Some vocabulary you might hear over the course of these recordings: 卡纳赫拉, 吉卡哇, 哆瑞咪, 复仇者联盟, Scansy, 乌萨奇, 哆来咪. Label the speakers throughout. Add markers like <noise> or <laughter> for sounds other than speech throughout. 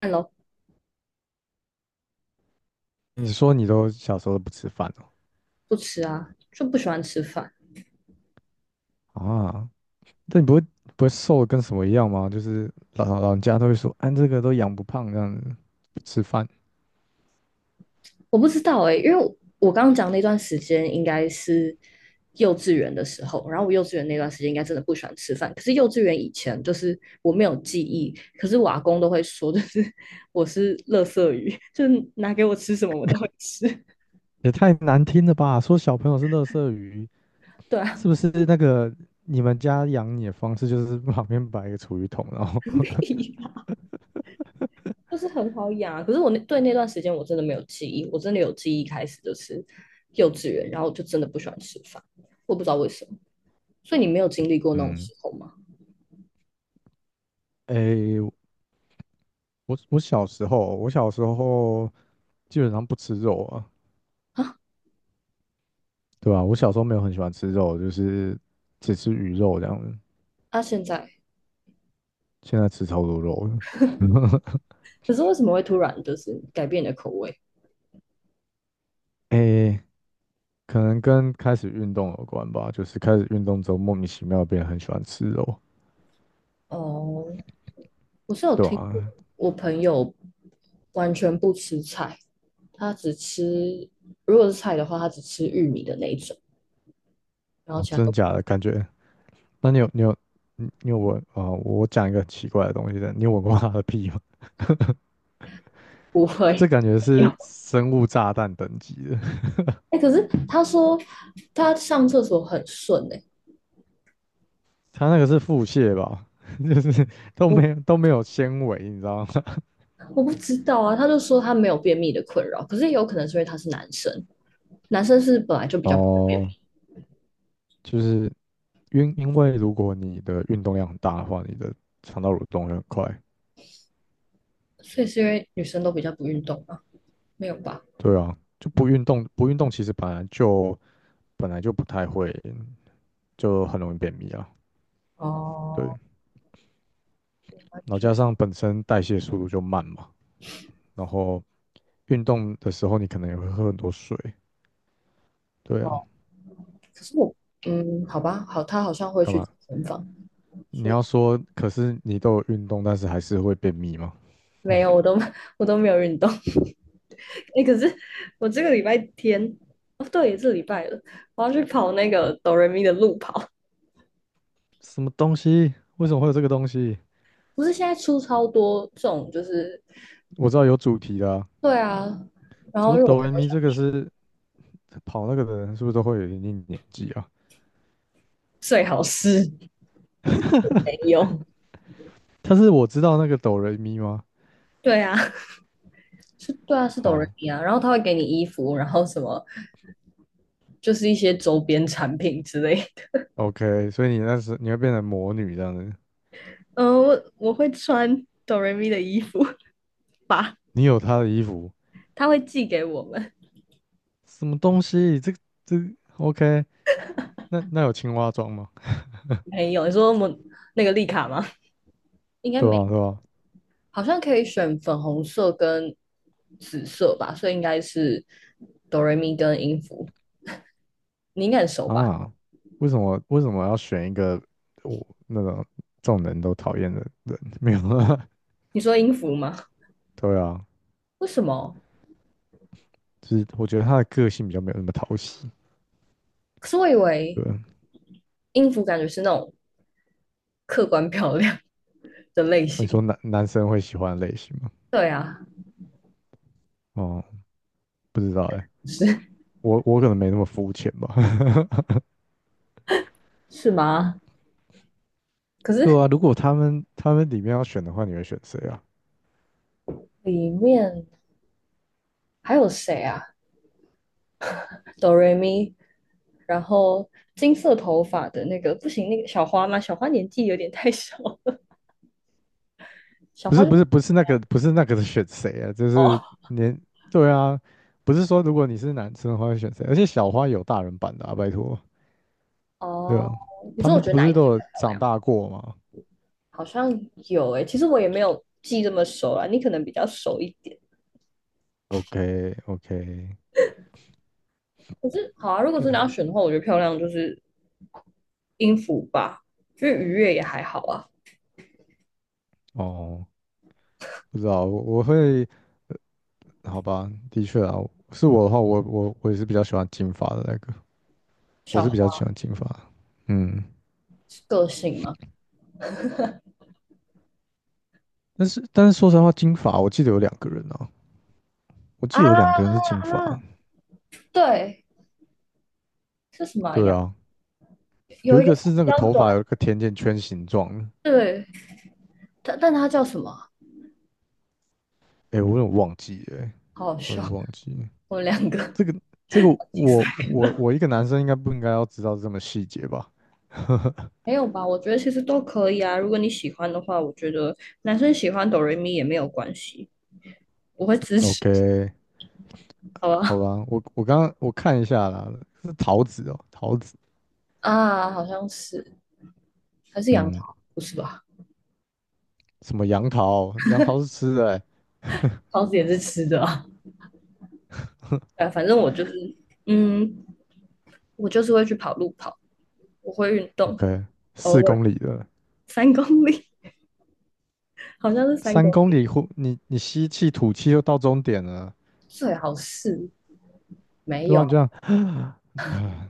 Speaker 1: 看咯，
Speaker 2: 你说你都小时候都不吃饭
Speaker 1: 不吃啊，就不喜欢吃饭。
Speaker 2: 哦？啊，那你不会瘦的跟什么一样吗？就是老人家都会说，哎，这个都养不胖这样子，不吃饭
Speaker 1: 我不知道哎，因为我刚刚讲那段时间应该是幼稚园的时候，然后我幼稚园那段时间应该真的不喜欢吃饭。可是幼稚园以前就是我没有记忆，可是我阿公都会说，就是 <laughs> 我是垃圾鱼，<laughs> 就是拿给我吃什么我都会吃。
Speaker 2: 也太难听了吧？说小朋友是垃圾鱼，
Speaker 1: 对
Speaker 2: 是
Speaker 1: 啊，
Speaker 2: 不是那个你们家养你的方式就是旁边摆一个储鱼桶，然后
Speaker 1: <laughs> 屁啦就是很好养啊。可是我那段时间我真的没有记忆，我真的有记忆开始就是幼稚园，然后我就真的不喜欢吃饭，我不知道为什么。所以你没有经历过
Speaker 2: <laughs>
Speaker 1: 那种
Speaker 2: 嗯，
Speaker 1: 时候吗？
Speaker 2: 哎，我小时候基本上不吃肉啊，
Speaker 1: 啊
Speaker 2: 对吧？我小时候没有很喜欢吃肉，就是只吃鱼肉这样子，
Speaker 1: 啊！现在
Speaker 2: 现在吃超多肉了。<laughs>
Speaker 1: 可是为什么会突然就是改变你的口味？
Speaker 2: 哎，可能跟开始运动有关吧，就是开始运动之后莫名其妙变得很喜欢吃肉，
Speaker 1: 哦，我是有
Speaker 2: 对
Speaker 1: 听过，
Speaker 2: 啊，
Speaker 1: 我朋友完全不吃菜，他只吃，如果是菜的话，他只吃玉米的那一种，然后
Speaker 2: 哦，
Speaker 1: 其他
Speaker 2: 真的
Speaker 1: 都
Speaker 2: 假的？感觉？那你有你有你你有闻啊、呃我讲一个很奇怪的东西的，你有闻过它的屁吗？
Speaker 1: 不
Speaker 2: <laughs> 这
Speaker 1: 会
Speaker 2: 感觉
Speaker 1: 有。
Speaker 2: 是生物炸弹等级的，
Speaker 1: 哎、可是他说他上厕所很顺哎、
Speaker 2: 它那个是腹泻吧，<laughs> 就是都
Speaker 1: 我
Speaker 2: 没有都没有纤维，你知道吗？
Speaker 1: 我不知道啊，他就说他没有便秘的困扰，可是也有可能是因为他是男生，男生是本来就
Speaker 2: <laughs>
Speaker 1: 比较不会便秘，
Speaker 2: 哦，就是因为如果你的运动量很大的话，你的肠道蠕动会很快。
Speaker 1: 所以是因为女生都比较不运动啊，没有吧？
Speaker 2: 对啊，就不运动，不运动其实本来就不太会，就很容易便秘啊。对，
Speaker 1: 哦，
Speaker 2: 然
Speaker 1: 完
Speaker 2: 后
Speaker 1: 全
Speaker 2: 加上本身代谢速度就慢嘛，然后运动的时候你可能也会喝很多水。对
Speaker 1: 哦，
Speaker 2: 啊，
Speaker 1: 可是我，嗯，好吧，好，他好像会
Speaker 2: 干
Speaker 1: 去健
Speaker 2: 嘛？
Speaker 1: 身房，
Speaker 2: 你
Speaker 1: 所以
Speaker 2: 要说，可是你都有运动，但是还是会便秘吗？
Speaker 1: 没有，我都 <laughs> 我都没有运动。<laughs> 哎、可是我这个礼拜天，哦，对，这是礼拜了，我要去跑那个哆瑞咪的路跑。
Speaker 2: 什么东西？为什么会有这个东西？
Speaker 1: 不是现在出超多这种，就是
Speaker 2: 我知道有主题的啊。
Speaker 1: 对啊。然
Speaker 2: 怎
Speaker 1: 后
Speaker 2: 么
Speaker 1: 因为我朋
Speaker 2: 哆来
Speaker 1: 友
Speaker 2: 咪
Speaker 1: 想，
Speaker 2: 这个是跑那个的人是不是都会有一定年纪啊？
Speaker 1: 最好是没有。
Speaker 2: 但是我知道那个哆来咪吗？
Speaker 1: 对啊，是，对啊，是哆瑞
Speaker 2: 好
Speaker 1: 咪啊。然后他会给你衣服，然后什么，就是一些周边产品之类的。
Speaker 2: ，OK，所以你那时会变成魔女这样子，
Speaker 1: 我会穿哆瑞咪的衣服吧，
Speaker 2: 你有她的衣服，
Speaker 1: 他会寄给我们。
Speaker 2: 什么东西？这个 OK？那那有青蛙装吗？
Speaker 1: 没有，你说我那个丽卡吗？应该
Speaker 2: 对
Speaker 1: 没，
Speaker 2: 啊，对啊，
Speaker 1: 好像可以选粉红色跟紫色吧，所以应该是哆瑞咪跟音符，你应该很熟吧？
Speaker 2: 啊，为什么要选一个我那种众人都讨厌的人？<laughs> 没有啊，
Speaker 1: 你说音符吗？
Speaker 2: 对啊，
Speaker 1: 为什么？
Speaker 2: 就是我觉得他的个性比较没有那么讨喜。
Speaker 1: 可是我以为
Speaker 2: 对啊，
Speaker 1: 音符感觉是那种客观漂亮的类
Speaker 2: 你
Speaker 1: 型。
Speaker 2: 说男生会喜欢的类型吗？
Speaker 1: 对啊，
Speaker 2: 哦，不知道哎、
Speaker 1: 是
Speaker 2: 我可能没那么肤浅吧。<laughs>
Speaker 1: 是吗？可
Speaker 2: 对
Speaker 1: 是
Speaker 2: 啊，如果他们里面要选的话，你会选谁啊？
Speaker 1: 里面还有谁啊？哆瑞咪，然后金色头发的那个不行，那个小花吗？小花年纪有点太小了 <laughs> 小
Speaker 2: 不
Speaker 1: 花
Speaker 2: 是不
Speaker 1: 就
Speaker 2: 是不是那个不是那个选谁啊，就是
Speaker 1: 哦，
Speaker 2: 连对啊，不是说如果你是男生的话会选谁，而且小花有大人版的啊，拜托，对
Speaker 1: 哦，
Speaker 2: 啊，
Speaker 1: 你
Speaker 2: 他
Speaker 1: 说我
Speaker 2: 们
Speaker 1: 觉得
Speaker 2: 不
Speaker 1: 哪一
Speaker 2: 是
Speaker 1: 只比
Speaker 2: 都有
Speaker 1: 较漂
Speaker 2: 长
Speaker 1: 亮？
Speaker 2: 大过吗？
Speaker 1: 好像有诶、其实我也没有记这么熟啦，你可能比较熟一点。
Speaker 2: o k o k
Speaker 1: 可是好啊，如果
Speaker 2: 对，
Speaker 1: 真的要选的话，我觉得漂亮就是音符吧，就是愉悦也还好啊。
Speaker 2: 哦，不知道，我好吧，的确啊，是我的话，我也是比较喜欢金发的那个，我
Speaker 1: 小
Speaker 2: 是比较
Speaker 1: 黄
Speaker 2: 喜欢金发，嗯，
Speaker 1: 是个性吗？
Speaker 2: 但是说实话，金发我记得有两个人啊，我
Speaker 1: 啊
Speaker 2: 记得有两个人是金发，
Speaker 1: 啊，对，是什么
Speaker 2: 对
Speaker 1: 呀？
Speaker 2: 啊，有一
Speaker 1: 有一个
Speaker 2: 个
Speaker 1: 是
Speaker 2: 是那
Speaker 1: 比
Speaker 2: 个
Speaker 1: 较
Speaker 2: 头发
Speaker 1: 短，
Speaker 2: 有一个甜甜圈形状的，
Speaker 1: 对，但但它叫什么啊
Speaker 2: 哎、我有点忘记了欸
Speaker 1: 好好
Speaker 2: 我有点
Speaker 1: 笑，
Speaker 2: 忘记了。
Speaker 1: 我们两个
Speaker 2: 这个这个
Speaker 1: 竞赛
Speaker 2: 我一个男生应该不应该要知道这么细节吧？ <laughs>
Speaker 1: 没有吧？我觉得其实都可以啊。如果你喜欢的话，我觉得男生喜欢哆瑞咪也没有关系，我会支持，
Speaker 2: ？OK，
Speaker 1: 好吧？
Speaker 2: 好吧，我刚刚我看一下啦，是桃子哦，桃子，
Speaker 1: 啊，好像是，还是杨
Speaker 2: 嗯，
Speaker 1: 桃，不是吧？
Speaker 2: 什么杨桃？杨桃是吃的欸
Speaker 1: 桃子也是吃的啊。反正我就是，嗯，我就是会去跑路跑，我会运动，
Speaker 2: ，OK，四
Speaker 1: 偶
Speaker 2: 公
Speaker 1: 尔
Speaker 2: 里的，
Speaker 1: 三公里，<laughs> 好像是三
Speaker 2: 三
Speaker 1: 公
Speaker 2: 公
Speaker 1: 里，
Speaker 2: 里后你吸气吐气就到终点了，
Speaker 1: 最好是没
Speaker 2: 对啊，你
Speaker 1: 有，
Speaker 2: 这样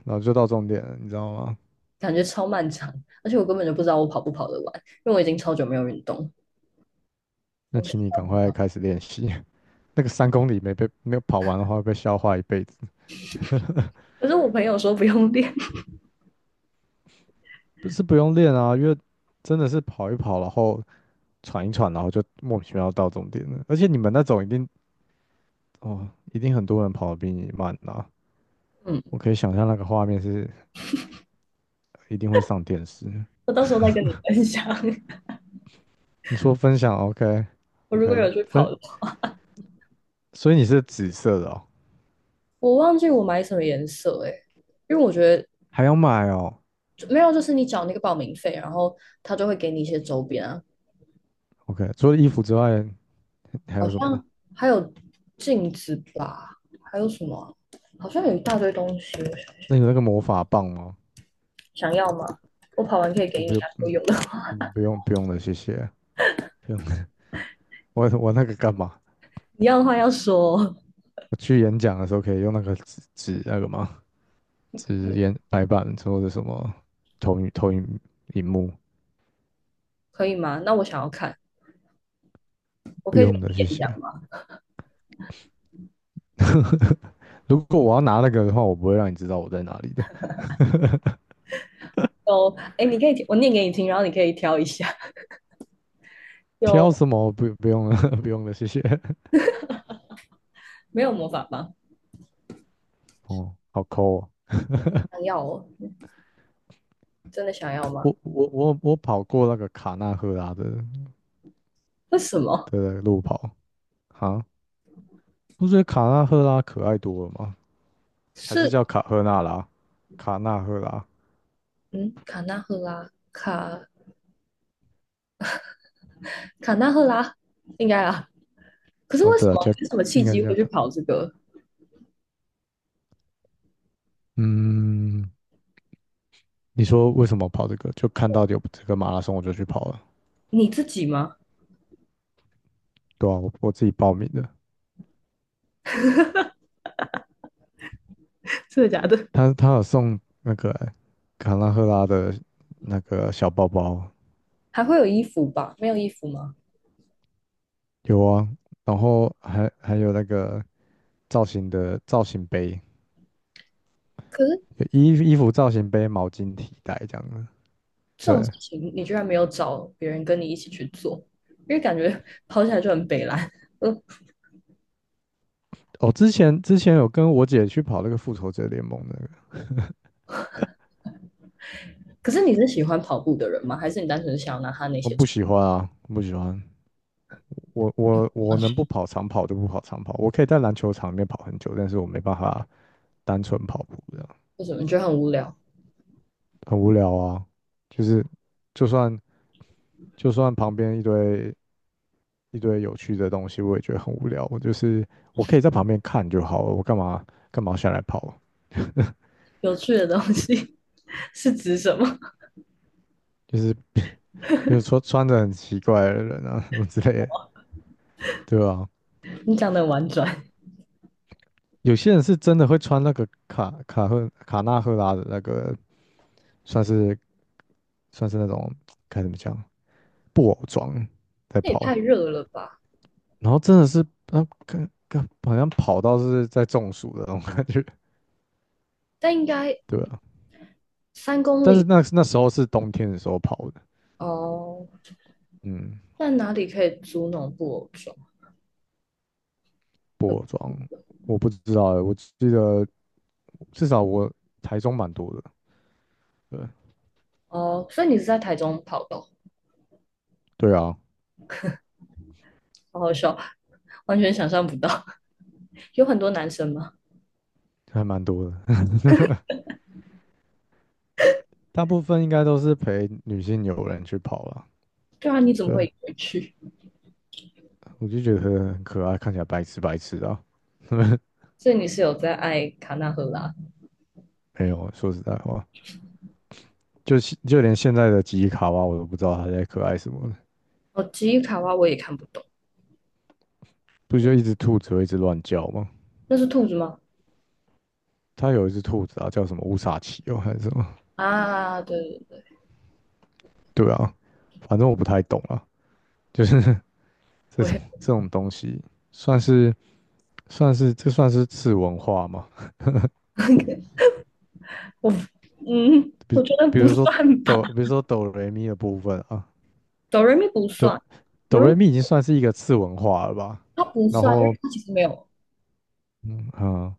Speaker 2: 然后就到终点了，你知道吗？
Speaker 1: 感觉超漫长，而且我根本就不知道我跑不跑得完，因为我已经超久没有运动，
Speaker 2: 那
Speaker 1: 我想
Speaker 2: 请你
Speaker 1: 象
Speaker 2: 赶
Speaker 1: 不
Speaker 2: 快
Speaker 1: 到。
Speaker 2: 开始练习。那个三公里没被没有跑完的话，会被笑话一辈子。
Speaker 1: 可是我朋友说不用练，
Speaker 2: 不是不用练啊，因为真的是跑一跑，然后喘一喘，然后就莫名其妙到终点了。而且你们那种一定哦，一定很多人跑得比你慢啊。
Speaker 1: <laughs> 嗯，
Speaker 2: 我可以想象那个画面是一定会上电视。
Speaker 1: 我到时候再跟你分享。<laughs>
Speaker 2: 你说分享，OK，
Speaker 1: 我如果
Speaker 2: OK，
Speaker 1: 有去跑的话，
Speaker 2: 所以你是紫色的哦，
Speaker 1: 我忘记我买什么颜色诶、欸因为我觉得
Speaker 2: 还要买哦
Speaker 1: 没有，就是你缴那个报名费，然后他就会给你一些周边啊，
Speaker 2: ，OK。除了衣服之外，还
Speaker 1: 好
Speaker 2: 有什
Speaker 1: 像
Speaker 2: 么？
Speaker 1: 还有镜子吧，还有什么啊好像有一大堆东西，
Speaker 2: 那你那个魔法棒吗？
Speaker 1: 想要吗？我跑完可以给
Speaker 2: 我
Speaker 1: 你
Speaker 2: 不用，
Speaker 1: 啊，我
Speaker 2: 嗯，
Speaker 1: 有的，
Speaker 2: 不用不用了，谢谢。不用，<laughs> 我那个干嘛？
Speaker 1: <laughs> 你要的话要说，
Speaker 2: 我去演讲的时候可以用那个纸那个吗？纸演白板或者什么投影荧幕，
Speaker 1: 可以吗？那我想要看，我
Speaker 2: 不
Speaker 1: 可以去
Speaker 2: 用的，谢
Speaker 1: 演
Speaker 2: 谢。
Speaker 1: 讲吗？
Speaker 2: 如果我要拿那个的话，我不会让你知道我在哪里的。
Speaker 1: 有，哎，你可以，我念给你听，然后你可以挑一下。有
Speaker 2: 挑什么？不用了，<laughs> 不用了，谢谢。<laughs>
Speaker 1: 没有魔法棒？
Speaker 2: 哦，好抠哦。
Speaker 1: 想要哦，真的想要吗？
Speaker 2: 我跑过那个卡纳赫拉的
Speaker 1: 为什么？
Speaker 2: 的路跑啊，不觉得卡纳赫拉可爱多了吗？还是
Speaker 1: 是
Speaker 2: 叫卡赫纳拉？卡纳赫拉？
Speaker 1: 嗯，卡纳赫拉，卡纳赫拉，应该啊。可是
Speaker 2: 哦，
Speaker 1: 为什
Speaker 2: 对啊，
Speaker 1: 么？
Speaker 2: 叫
Speaker 1: 是什么
Speaker 2: 应
Speaker 1: 契
Speaker 2: 该
Speaker 1: 机
Speaker 2: 叫
Speaker 1: 会去
Speaker 2: 卡。
Speaker 1: 跑这个？
Speaker 2: 嗯，你说为什么跑这个？就看到有这个马拉松，我就去跑了。
Speaker 1: 你自己吗？
Speaker 2: 对啊，我自己报名的。
Speaker 1: 真的假的？
Speaker 2: 他有送那个欸卡拉赫拉的那个小包包，
Speaker 1: 还会有衣服吧？没有衣服吗？
Speaker 2: 有啊，然后还有那个造型的造型杯，
Speaker 1: <laughs> 可是
Speaker 2: 有衣服造型杯、毛巾、提袋这样的。
Speaker 1: 这种事
Speaker 2: 对，
Speaker 1: 情你居然没有找别人跟你一起去做，因为感觉跑起来就很北蓝。<laughs> 嗯，
Speaker 2: 哦，之前有跟我姐去跑那个复仇者联盟那个，
Speaker 1: 可是你是喜欢跑步的人吗？还是你单纯想要拿他那
Speaker 2: 我
Speaker 1: 些
Speaker 2: 不
Speaker 1: 种
Speaker 2: 喜欢啊，我不喜欢。我能不跑长跑就不跑长跑，我可以在篮球场里面跑很久，但是我没办法单纯跑步，这样
Speaker 1: 为什么你觉得很无聊？
Speaker 2: 很无聊啊。就是就算就算旁边一堆一堆有趣的东西，我也觉得很无聊。我就是我可以在旁边看就好了，我干嘛下来跑？
Speaker 1: 有趣的东西 <laughs> 是指什么？
Speaker 2: 就是比如说穿着很奇怪的人啊什么之类的，对吧、
Speaker 1: 你讲的很婉转。
Speaker 2: 有些人是真的会穿那个卡纳赫拉的那个，算是算是那种该怎么讲？布偶装在
Speaker 1: 那也
Speaker 2: 跑，
Speaker 1: 太热了吧？
Speaker 2: 然后真的是那跟好像跑到是在中暑的那种感觉，<laughs>
Speaker 1: 但应该
Speaker 2: 对啊。
Speaker 1: 三公
Speaker 2: 但是
Speaker 1: 里
Speaker 2: 那那时候是冬天的时候跑的，
Speaker 1: 哦。
Speaker 2: 嗯，
Speaker 1: 那哪里可以租那种布偶装？
Speaker 2: 布偶装我不知道欸我记得至少我台中蛮多的，对
Speaker 1: 哦，所以你是在台中跑的哦
Speaker 2: 对啊，
Speaker 1: 好好笑，完全想象不到。<laughs> 有很多男生吗？
Speaker 2: 还蛮多的，<laughs> 大部分应该都是陪女性友人去跑了，
Speaker 1: 对啊，你怎么
Speaker 2: 对，
Speaker 1: 会回去？
Speaker 2: 我就觉得很可爱，看起来白痴白痴的啊，<laughs>
Speaker 1: 所以你是有在爱卡纳赫拉？
Speaker 2: 没有，说实在话，就就连现在的吉卡哇，我都不知道他在可爱什么了。
Speaker 1: 哦，吉伊卡哇我也看不懂，
Speaker 2: 不就一只兔子会一直乱叫吗？
Speaker 1: 那是兔子吗？
Speaker 2: 它有一只兔子啊，叫什么乌萨奇哦，还是什么？
Speaker 1: 啊，对对对，
Speaker 2: 对啊，反正我不太懂啊，就是 <laughs> 这
Speaker 1: 我
Speaker 2: 种
Speaker 1: 也
Speaker 2: 这种东西，算是算是这算是次文化吗？
Speaker 1: <laughs> 我嗯，我
Speaker 2: 比
Speaker 1: 觉得
Speaker 2: 比
Speaker 1: 不
Speaker 2: 如说
Speaker 1: 算吧，
Speaker 2: 比如说哆来咪的部分啊，
Speaker 1: 哆瑞咪不
Speaker 2: 哆
Speaker 1: 算，哆
Speaker 2: 哆
Speaker 1: 瑞
Speaker 2: 来
Speaker 1: 咪
Speaker 2: 咪已经算是一个次文化了吧？
Speaker 1: 它不
Speaker 2: 然
Speaker 1: 算，因
Speaker 2: 后
Speaker 1: 为它其实没有，
Speaker 2: 嗯啊、呃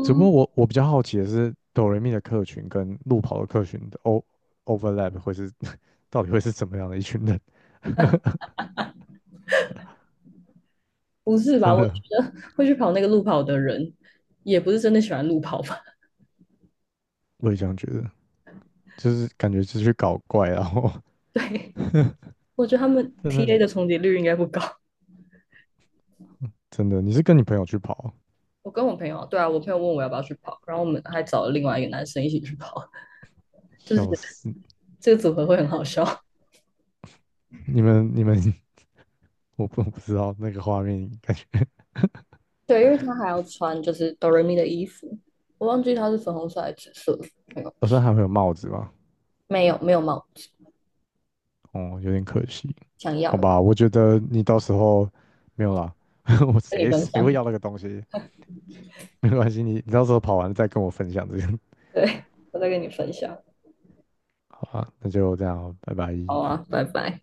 Speaker 2: 只不过我比较好奇的是哆来咪的客群跟路跑的客群的 overlap 会是 <laughs> 到底会是怎么样的一群人？<laughs>
Speaker 1: 不是吧？
Speaker 2: 真
Speaker 1: 我觉
Speaker 2: 的。
Speaker 1: 得会去跑那个路跑的人，也不是真的喜欢路跑吧？
Speaker 2: 我也这样觉得，就是感觉是去搞怪啊，然后
Speaker 1: <laughs> 对，
Speaker 2: <laughs>
Speaker 1: 我觉得他们
Speaker 2: 真的
Speaker 1: TA 的重叠率应该不高。
Speaker 2: 真的，你是跟你朋友去跑啊，
Speaker 1: 我跟我朋友，对啊，我朋友问我要不要去跑，然后我们还找了另外一个男生一起去跑，<laughs> 就是
Speaker 2: 笑死！
Speaker 1: 这个组合会很好笑。<laughs>
Speaker 2: 你们，<laughs> 我不知道那个画面，感觉
Speaker 1: 对，因为他还要穿就是哆瑞咪的衣服，我忘记他是粉红色还是紫色，
Speaker 2: 好像还会有帽子吧？
Speaker 1: 没有，没有没有帽子，
Speaker 2: 哦，有点可惜，
Speaker 1: 想
Speaker 2: 好
Speaker 1: 要
Speaker 2: 吧，我觉得你到时候没有啦，<laughs> 我
Speaker 1: 跟你
Speaker 2: 谁
Speaker 1: 分
Speaker 2: 谁会
Speaker 1: 享，
Speaker 2: 要那个东西？没关系，你到时候跑完再跟我分享这个，
Speaker 1: <laughs> 对我再跟你分享，
Speaker 2: 好吧？那就这样哦拜拜。
Speaker 1: 好啊，拜拜。